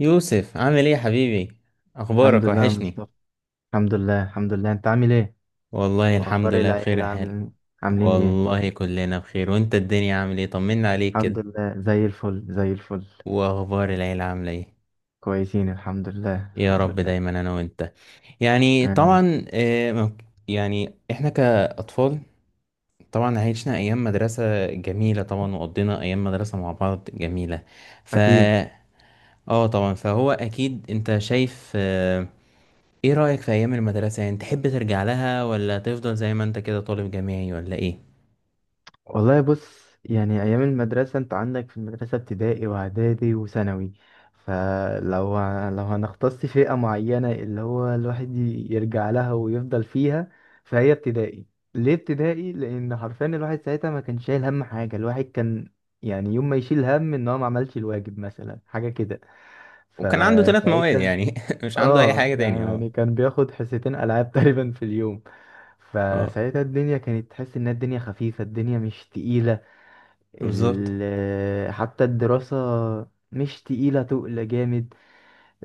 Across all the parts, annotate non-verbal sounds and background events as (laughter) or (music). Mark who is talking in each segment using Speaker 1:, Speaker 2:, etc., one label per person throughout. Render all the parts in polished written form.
Speaker 1: يوسف، عامل ايه يا حبيبي؟
Speaker 2: الحمد
Speaker 1: اخبارك
Speaker 2: لله يا
Speaker 1: وحشني.
Speaker 2: مصطفى. الحمد لله، الحمد لله. انت عامل ايه؟
Speaker 1: والله الحمد
Speaker 2: اخبار
Speaker 1: لله بخير
Speaker 2: العيله عامل
Speaker 1: حال.
Speaker 2: إيه؟ عاملين ايه؟
Speaker 1: والله كلنا بخير. وانت الدنيا عامل ايه؟ طمنا عليك
Speaker 2: الحمد
Speaker 1: كده.
Speaker 2: لله، زي الفل زي الفل.
Speaker 1: واخبار العيلة عاملة ايه؟
Speaker 2: كويسين الحمد لله
Speaker 1: يا
Speaker 2: الحمد
Speaker 1: رب
Speaker 2: لله.
Speaker 1: دايما انا وانت. يعني
Speaker 2: آمين.
Speaker 1: طبعا، يعني احنا كاطفال، طبعا عشنا ايام مدرسة جميلة، طبعا وقضينا ايام مدرسة مع بعض جميلة. ف
Speaker 2: اكيد.
Speaker 1: اه طبعا، فهو اكيد انت شايف ايه رأيك في ايام المدرسة؟ يعني تحب ترجع لها ولا تفضل زي ما انت كده طالب جامعي ولا ايه؟
Speaker 2: والله بص، يعني أيام المدرسة أنت عندك في المدرسة ابتدائي وإعدادي وثانوي. فلو هنختص فئة معينة اللي هو الواحد يرجع لها ويفضل فيها، فهي ابتدائي. ليه ابتدائي؟ لأن حرفيا الواحد ساعتها ما كان شايل هم حاجة، الواحد كان يعني يوم ما يشيل هم إن هو ما عملش الواجب مثلا حاجة كده
Speaker 1: وكان عنده 3 مواد
Speaker 2: فساعتها.
Speaker 1: يعني، (laughs) مش عنده اي
Speaker 2: اه
Speaker 1: حاجة تاني. اه
Speaker 2: يعني كان بياخد حصتين ألعاب (laughs) تقريبا في اليوم.
Speaker 1: اه،
Speaker 2: فساعتها الدنيا كانت تحس إنها الدنيا خفيفة، الدنيا مش تقيلة،
Speaker 1: بالظبط.
Speaker 2: ال... حتى الدراسة مش تقيلة تقل جامد.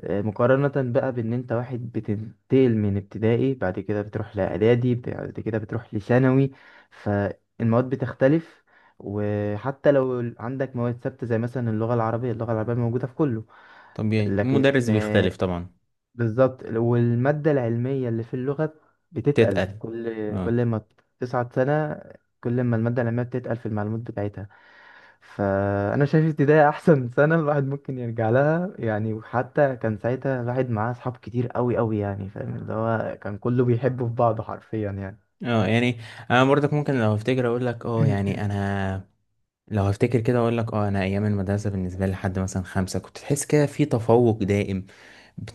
Speaker 2: مقارنة بقى بإن أنت واحد بتنتقل من ابتدائي، بعد كده بتروح لإعدادي، بعد كده بتروح لثانوي، فالمواد بتختلف. وحتى لو عندك مواد ثابتة زي مثلا اللغة العربية، اللغة العربية موجودة في كله.
Speaker 1: طبيعي،
Speaker 2: لكن
Speaker 1: المدرس بيختلف
Speaker 2: آه،
Speaker 1: طبعا.
Speaker 2: بالظبط، والمادة العلمية اللي في اللغة بتتقل
Speaker 1: تتقل.
Speaker 2: كل
Speaker 1: اه.
Speaker 2: كل ما تصعد سنة، كل ما المادة العلمية بتتقل في المعلومات بتاعتها. فانا شايف ابتدائي احسن (laughs) سنه الواحد ممكن يرجع لها يعني. وحتى كان ساعتها الواحد معاه اصحاب كتير قوي قوي يعني، فاهم اللي هو كان كله بيحبه في بعضه حرفيا يعني.
Speaker 1: اه، يعني انا برضك ممكن لو افتكر اقول لك، اه يعني
Speaker 2: (coughs)
Speaker 1: انا لو هفتكر كده اقول لك، اه انا ايام المدرسه بالنسبه لي لحد مثلا 5، كنت تحس كده في تفوق دائم،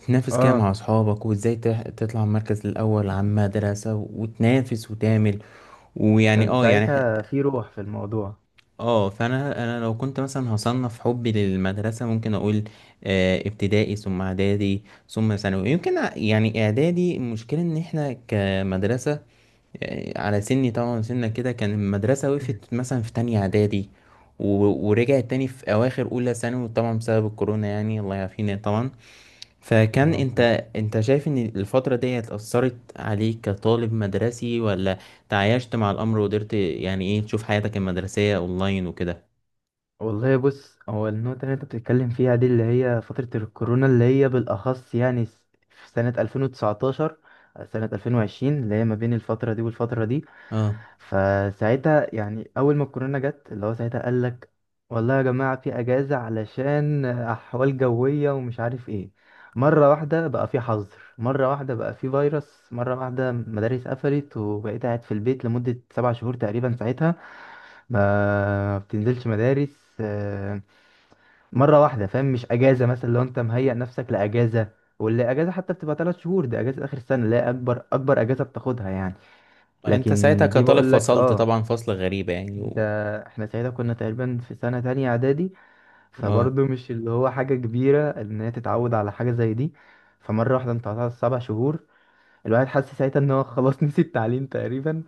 Speaker 2: (clears throat)
Speaker 1: كده
Speaker 2: اه،
Speaker 1: مع اصحابك وازاي تطلع المركز الاول على المدرسه وتنافس وتعمل. ويعني
Speaker 2: كان
Speaker 1: اه يعني
Speaker 2: ساعتها في روح في الموضوع.
Speaker 1: اه، فانا لو كنت مثلا هصنف حبي للمدرسه ممكن اقول ابتدائي ثم اعدادي ثم ثانوي. يمكن يعني اعدادي، المشكله ان احنا كمدرسه، على سني طبعا سنة كده، كان المدرسه
Speaker 2: (coughs)
Speaker 1: وقفت
Speaker 2: (clears throat)
Speaker 1: مثلا في تانية اعدادي، ورجعت تاني في اواخر اولى ثانوي طبعا، بسبب الكورونا، يعني الله يعافينا طبعا. فكان
Speaker 2: اللهم آمين.
Speaker 1: انت شايف ان الفتره دي اثرت عليك كطالب مدرسي، ولا تعايشت مع الامر وقدرت؟ يعني ايه، تشوف حياتك المدرسيه اونلاين وكده؟
Speaker 2: والله بص، هو النقطة اللي انت بتتكلم فيها دي اللي هي فترة الكورونا، اللي هي بالأخص يعني في سنة 2019 سنة 2020 اللي هي ما بين الفترة دي والفترة دي.
Speaker 1: اه.
Speaker 2: فساعتها يعني اول ما الكورونا جت اللي هو ساعتها قال لك والله يا جماعه في اجازه علشان احوال جويه ومش عارف ايه. مره واحده بقى في حظر، مره واحده بقى في فيروس، مره واحده مدارس قفلت، وبقيت قاعد في البيت لمده 7 شهور تقريبا ساعتها ما بتنزلش مدارس. مره واحده، فاهم؟ مش اجازه مثلا لو انت مهيئ نفسك لاجازه، واللي اجازه حتى بتبقى 3 شهور دي اجازه اخر السنه اللي هي اكبر اكبر اجازه بتاخدها يعني.
Speaker 1: انت ساعتها
Speaker 2: لكن دي
Speaker 1: كطالب
Speaker 2: بقول لك
Speaker 1: فصلت
Speaker 2: اه.
Speaker 1: طبعا فصل غريبة يعني.
Speaker 2: ده احنا ساعتها كنا تقريبا في سنة تانية اعدادي،
Speaker 1: اه،
Speaker 2: فبرضه مش اللي هو حاجة كبيرة ان هي تتعود على حاجة زي دي. فمرة واحدة انت قطعت 7 شهور، الواحد حس ساعتها ان هو (laughs) خلاص نسي التعليم تقريبا.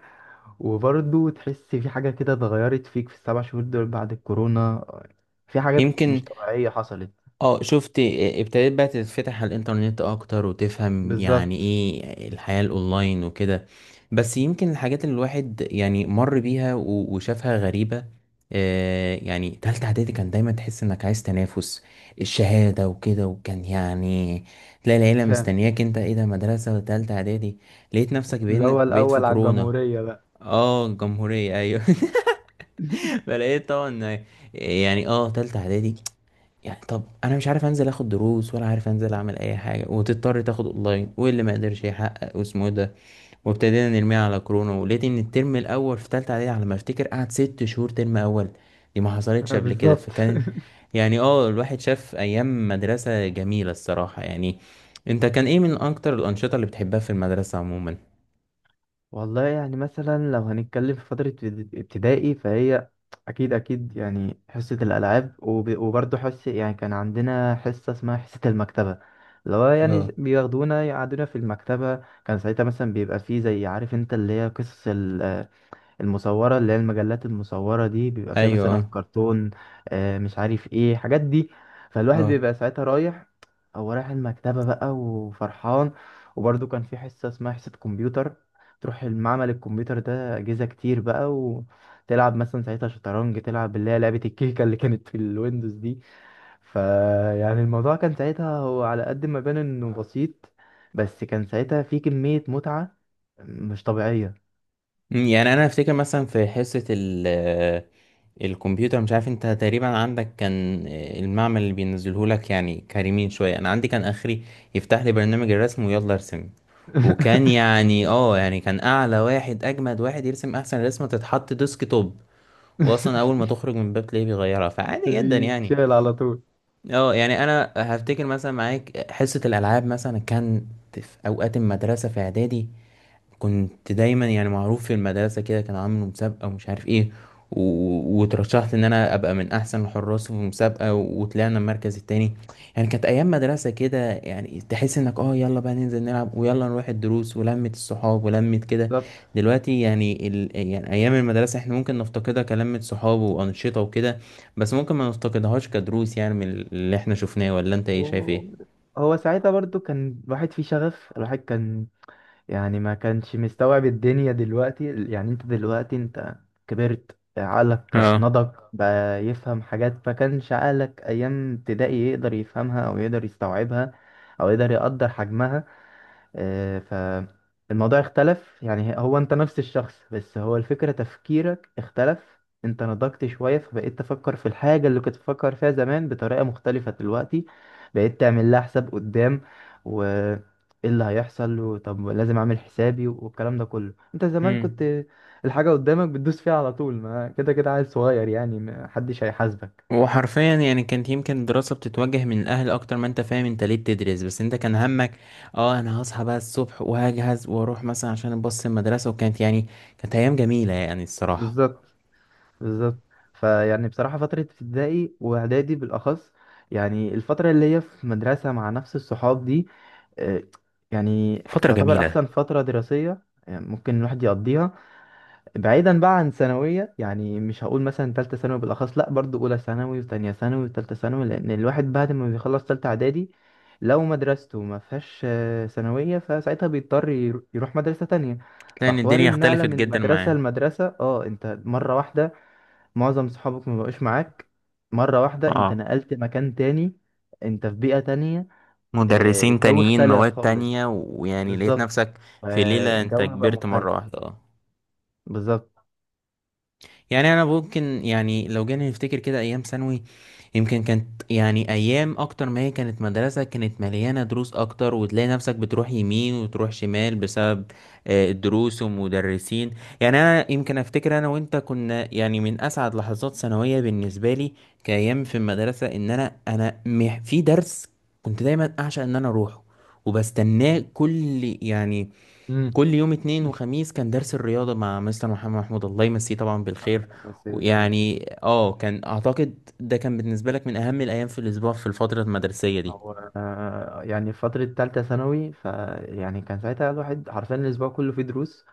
Speaker 2: وبرضه تحس في حاجة كده اتغيرت فيك في السبع شهور دول بعد الكورونا، في حاجات
Speaker 1: يمكن.
Speaker 2: مش طبيعية حصلت.
Speaker 1: اه، شفت. اه، ابتديت بقى تتفتح على الانترنت اكتر، وتفهم يعني
Speaker 2: بالظبط.
Speaker 1: ايه الحياة الاونلاين وكده. بس يمكن الحاجات اللي الواحد يعني مر بيها و... وشافها غريبة. يعني تالتة اعدادي، كان دايما تحس انك عايز تنافس الشهادة وكده، وكان يعني تلاقي العيلة
Speaker 2: فاهم،
Speaker 1: مستنياك، انت ايه ده؟ مدرسة تالتة اعدادي. لقيت نفسك
Speaker 2: اللي هو
Speaker 1: بقيت في
Speaker 2: الأول على
Speaker 1: كورونا.
Speaker 2: الجمهورية بقى
Speaker 1: اه، الجمهورية، ايوه. (laughs) فلقيت طبعا. يعني اه تالتة اعدادي. يعني طب انا مش عارف انزل اخد دروس، ولا عارف انزل اعمل اي حاجه، وتضطر تاخد اونلاين، واللي ما قدرش يحقق واسمه ايه ده، وابتدينا نرميها على كورونا. ولقيت ان الترم الاول في تالتة اعدادي، على ما افتكر قعد 6 شهور ترم اول. دي ما
Speaker 2: (laughs)
Speaker 1: حصلتش قبل كده.
Speaker 2: بالظبط.
Speaker 1: فكان يعني اه، الواحد شاف ايام مدرسه جميله الصراحه يعني. انت كان ايه من اكتر الانشطه اللي بتحبها في المدرسه عموما؟
Speaker 2: والله يعني مثلا لو هنتكلم في فترة ابتدائي، فهي أكيد أكيد يعني حصة الألعاب، وبرضه حصة، يعني كان عندنا حصة اسمها حصة المكتبة، اللي هو يعني
Speaker 1: اه.
Speaker 2: بياخدونا يقعدونا في المكتبة. كان ساعتها مثلا بيبقى فيه زي عارف انت اللي هي قصص المصورة، اللي هي المجلات المصورة دي، بيبقى فيها مثلا
Speaker 1: ايوه.
Speaker 2: كرتون، مش عارف ايه حاجات دي. فالواحد
Speaker 1: اه.
Speaker 2: بيبقى ساعتها رايح، هو رايح المكتبة بقى وفرحان. وبرضه كان في حصة اسمها حصة كمبيوتر، تروح المعمل الكمبيوتر ده أجهزة كتير بقى، وتلعب مثلا ساعتها شطرنج، تلعب اللي هي لعبة الكيكة اللي كانت في الويندوز دي. فيعني الموضوع كان ساعتها هو على قد ما بان انه بسيط، بس كان ساعتها في كمية متعة مش طبيعية.
Speaker 1: يعني انا افتكر مثلا في حصه ال آه، الكمبيوتر. مش عارف، انت تقريبا عندك كان المعمل اللي بينزله لك يعني كريمين شويه، انا عندي كان اخري، يفتح لي برنامج الرسم ويلا ارسم. وكان
Speaker 2: (laughs)
Speaker 1: يعني كان اعلى واحد، اجمد واحد يرسم احسن رسمه تتحط ديسك توب، واصلا اول ما تخرج من الباب تلاقيه بيغيرها، فعادي جدا يعني.
Speaker 2: بيتشال على طول.
Speaker 1: اه، يعني انا هفتكر مثلا معاك حصه الالعاب مثلا، كان في اوقات المدرسه في اعدادي كنت دايما يعني معروف في المدرسة كده، كان عامل مسابقة ومش عارف ايه، و... وترشحت ان انا ابقى من احسن الحراس في المسابقة، و... وطلعنا المركز التاني. يعني كانت ايام مدرسة كده، يعني تحس انك اه يلا بقى ننزل نلعب، ويلا نروح الدروس، ولمة الصحاب ولمة كده.
Speaker 2: بالظبط.
Speaker 1: دلوقتي يعني يعني ايام المدرسة احنا ممكن نفتقدها كلمة صحاب وانشطة وكده، بس ممكن ما نفتقدهاش كدروس، يعني من اللي احنا شفناه. ولا انت ايه شايف
Speaker 2: و-
Speaker 1: ايه؟
Speaker 2: هو ساعتها برضو كان الواحد فيه شغف، الواحد كان يعني ما كانش مستوعب الدنيا دلوقتي. يعني انت دلوقتي انت كبرت، عقلك
Speaker 1: اه.
Speaker 2: نضج بقى يفهم حاجات ما كانش عقلك ايام ابتدائي يقدر يفهمها او يقدر يستوعبها او يقدر حجمها. آه، فالموضوع اختلف، يعني هو انت نفس الشخص بس هو الفكرة تفكيرك اختلف، انت نضجت شوية فبقيت تفكر في الحاجة اللي كنت تفكر فيها زمان بطريقة مختلفة دلوقتي. بقيت تعمل لها حساب قدام، و ايه اللي هيحصل، وطب لازم اعمل حسابي، والكلام ده كله. انت زمان
Speaker 1: مم.
Speaker 2: كنت الحاجة قدامك بتدوس فيها على طول، ما كده كده عيل صغير يعني ما حدش هيحاسبك.
Speaker 1: وحرفيا يعني كانت يمكن الدراسة بتتوجه من الأهل، أكتر ما أنت فاهم أنت ليه بتدرس، بس أنت كان همك، أه أنا هصحى بقى الصبح وهجهز وأروح مثلا عشان أبص المدرسة. وكانت يعني كانت أيام جميلة يعني الصراحة.
Speaker 2: بالظبط، بالظبط. فيعني بصراحة فترة ابتدائي وإعدادي بالأخص، يعني الفترة اللي هي في مدرسة مع نفس الصحاب دي، آه، يعني
Speaker 1: فترة
Speaker 2: يعتبر
Speaker 1: جميلة.
Speaker 2: أحسن فترة دراسية يعني ممكن الواحد يقضيها، بعيدا بقى عن ثانوية. يعني مش هقول مثلا تالتة ثانوي بالأخص، لأ برضو أولى ثانوي وتانية ثانوي وتالتة ثانوي. لأن الواحد بعد ما بيخلص تالتة إعدادي، لو مدرسته ما فيهاش ثانوية، فساعتها بيضطر يروح مدرسة تانية.
Speaker 1: لأن
Speaker 2: فحوار
Speaker 1: الدنيا
Speaker 2: النقلة
Speaker 1: اختلفت
Speaker 2: من
Speaker 1: جدا
Speaker 2: مدرسة
Speaker 1: معاه،
Speaker 2: لمدرسة، اه انت مرة واحدة معظم صحابك ما بقوش معاك، مرة واحدة انت
Speaker 1: اه،
Speaker 2: نقلت مكان تاني، انت في بيئة تانية.
Speaker 1: مدرسين
Speaker 2: الجو
Speaker 1: تانيين
Speaker 2: اختلف
Speaker 1: مواد
Speaker 2: خالص.
Speaker 1: تانية، ويعني لقيت
Speaker 2: بالظبط،
Speaker 1: نفسك في ليلة أنت
Speaker 2: الجو بقى
Speaker 1: كبرت
Speaker 2: مختلف.
Speaker 1: مرة واحدة. أه.
Speaker 2: بالظبط.
Speaker 1: يعني انا ممكن، يعني لو جينا نفتكر كده ايام ثانوي، يمكن كانت يعني ايام اكتر ما هي كانت مدرسة، كانت مليانة دروس اكتر، وتلاقي نفسك بتروح يمين وتروح شمال بسبب الدروس ومدرسين. يعني انا يمكن افتكر انا وانت كنا يعني من اسعد لحظات ثانوية بالنسبة لي، كايام في المدرسة، ان انا في درس كنت دايما اعشق ان انا اروحه، وبستناه كل يعني
Speaker 2: امم.
Speaker 1: كل يوم اتنين وخميس. كان درس الرياضة مع مستر محمد محمود، الله يمسيه طبعا بالخير.
Speaker 2: بس الخير.
Speaker 1: ويعني اه، كان اعتقد ده كان بالنسبة لك من اهم الايام في الاسبوع في الفترة المدرسية دي،
Speaker 2: هو يعني في فترة تالتة ثانوي فيعني كان ساعتها الواحد حرفيا الأسبوع كله فيه دروس.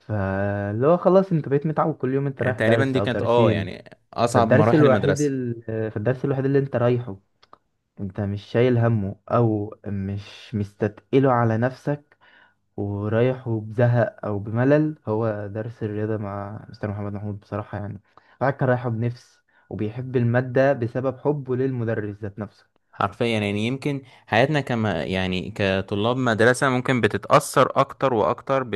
Speaker 2: فاللي هو خلاص أنت بقيت متعود كل يوم أنت
Speaker 1: يعني
Speaker 2: رايح
Speaker 1: تقريبا
Speaker 2: درس
Speaker 1: دي
Speaker 2: أو
Speaker 1: كانت اه
Speaker 2: درسين.
Speaker 1: يعني اصعب
Speaker 2: فالدرس
Speaker 1: مراحل
Speaker 2: الوحيد
Speaker 1: المدرسة.
Speaker 2: فالدرس الوحيد اللي أنت رايحه، انت مش شايل همه او مش مستتقله على نفسك، ورايح وبزهق او بملل، هو درس الرياضة مع مستر محمد محمود بصراحة يعني. الواحد كان رايحه بنفس وبيحب المادة بسبب حبه للمدرس ذات نفسه.
Speaker 1: حرفيا يعني يمكن حياتنا كما يعني كطلاب مدرسة ممكن بتتأثر اكتر واكتر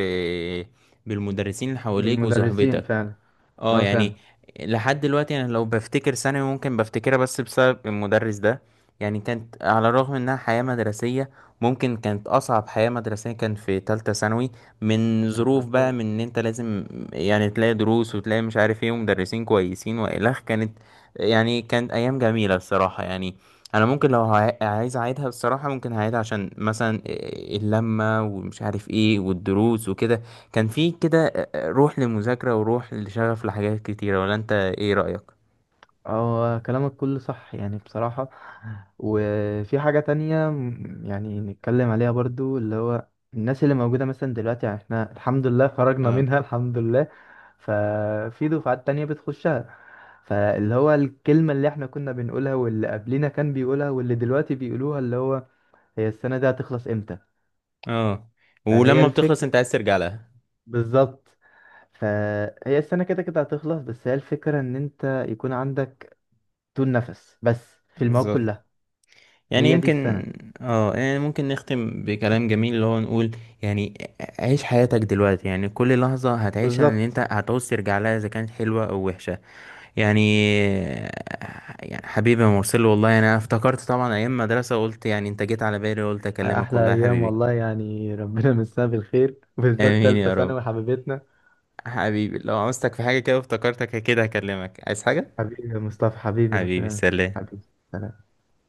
Speaker 1: بالمدرسين اللي حواليك
Speaker 2: بالمدرسين
Speaker 1: وصحبتك.
Speaker 2: فعلا.
Speaker 1: اه،
Speaker 2: اه
Speaker 1: يعني لحد دلوقتي انا لو بفتكر ثانوي ممكن بفتكرها بس بسبب المدرس ده. يعني كانت على الرغم انها حياة مدرسية، ممكن كانت اصعب حياة مدرسية كان في تالتة ثانوي، من ظروف بقى،
Speaker 2: فعلا.
Speaker 1: من ان انت لازم يعني تلاقي دروس وتلاقي مش عارف ايه ومدرسين كويسين والخ. كانت يعني كانت ايام جميلة الصراحة يعني. انا ممكن لو عايز اعيدها الصراحة، ممكن هعيدها عشان مثلا اللمة ومش عارف ايه والدروس وكده. كان في كده روح للمذاكرة وروح لشغف لحاجات كتيرة. ولا انت ايه رأيك؟
Speaker 2: هو كلامك كله صح يعني بصراحة. وفي حاجة تانية يعني نتكلم عليها برضو، اللي هو الناس اللي موجودة مثلا دلوقتي، يعني احنا الحمد لله خرجنا
Speaker 1: اه.
Speaker 2: منها الحمد لله. ففي دفعات تانية بتخشها، فاللي هو الكلمة اللي احنا كنا بنقولها واللي قبلنا كان بيقولها واللي دلوقتي بيقولوها، اللي هو هي السنة دي هتخلص امتى.
Speaker 1: اه،
Speaker 2: فهي
Speaker 1: ولما بتخلص
Speaker 2: الفكرة،
Speaker 1: انت عايز ترجع لها.
Speaker 2: بالظبط. فهي السنة كده كده هتخلص، بس هي الفكرة ان انت يكون عندك طول نفس بس في المواد
Speaker 1: بالظبط.
Speaker 2: كلها.
Speaker 1: يعني
Speaker 2: هي دي
Speaker 1: يمكن.
Speaker 2: السنة.
Speaker 1: اه، يعني ممكن نختم بكلام جميل اللي هو نقول يعني: عيش حياتك دلوقتي، يعني كل لحظة هتعيشها ان انت
Speaker 2: بالظبط.
Speaker 1: هتعوز ترجع لها، اذا كانت حلوة او وحشة. يعني. يعني حبيبي يا مرسل، والله يعني انا افتكرت طبعا ايام مدرسة، قلت يعني انت جيت على بالي وقلت اكلمك،
Speaker 2: احلى
Speaker 1: والله يا
Speaker 2: ايام
Speaker 1: حبيبي.
Speaker 2: والله يعني ربنا يمسها بالخير، بالذات
Speaker 1: امين
Speaker 2: تالتة
Speaker 1: يا رب.
Speaker 2: ثانوي حبيبتنا.
Speaker 1: حبيبي لو عاوزتك في حاجة كده افتكرتك، كده هكلمك عايز حاجة.
Speaker 2: حبيبي يا مصطفى، حبيبي
Speaker 1: حبيبي
Speaker 2: ربنا يمسك-
Speaker 1: سلام.
Speaker 2: حبيبي، سلام.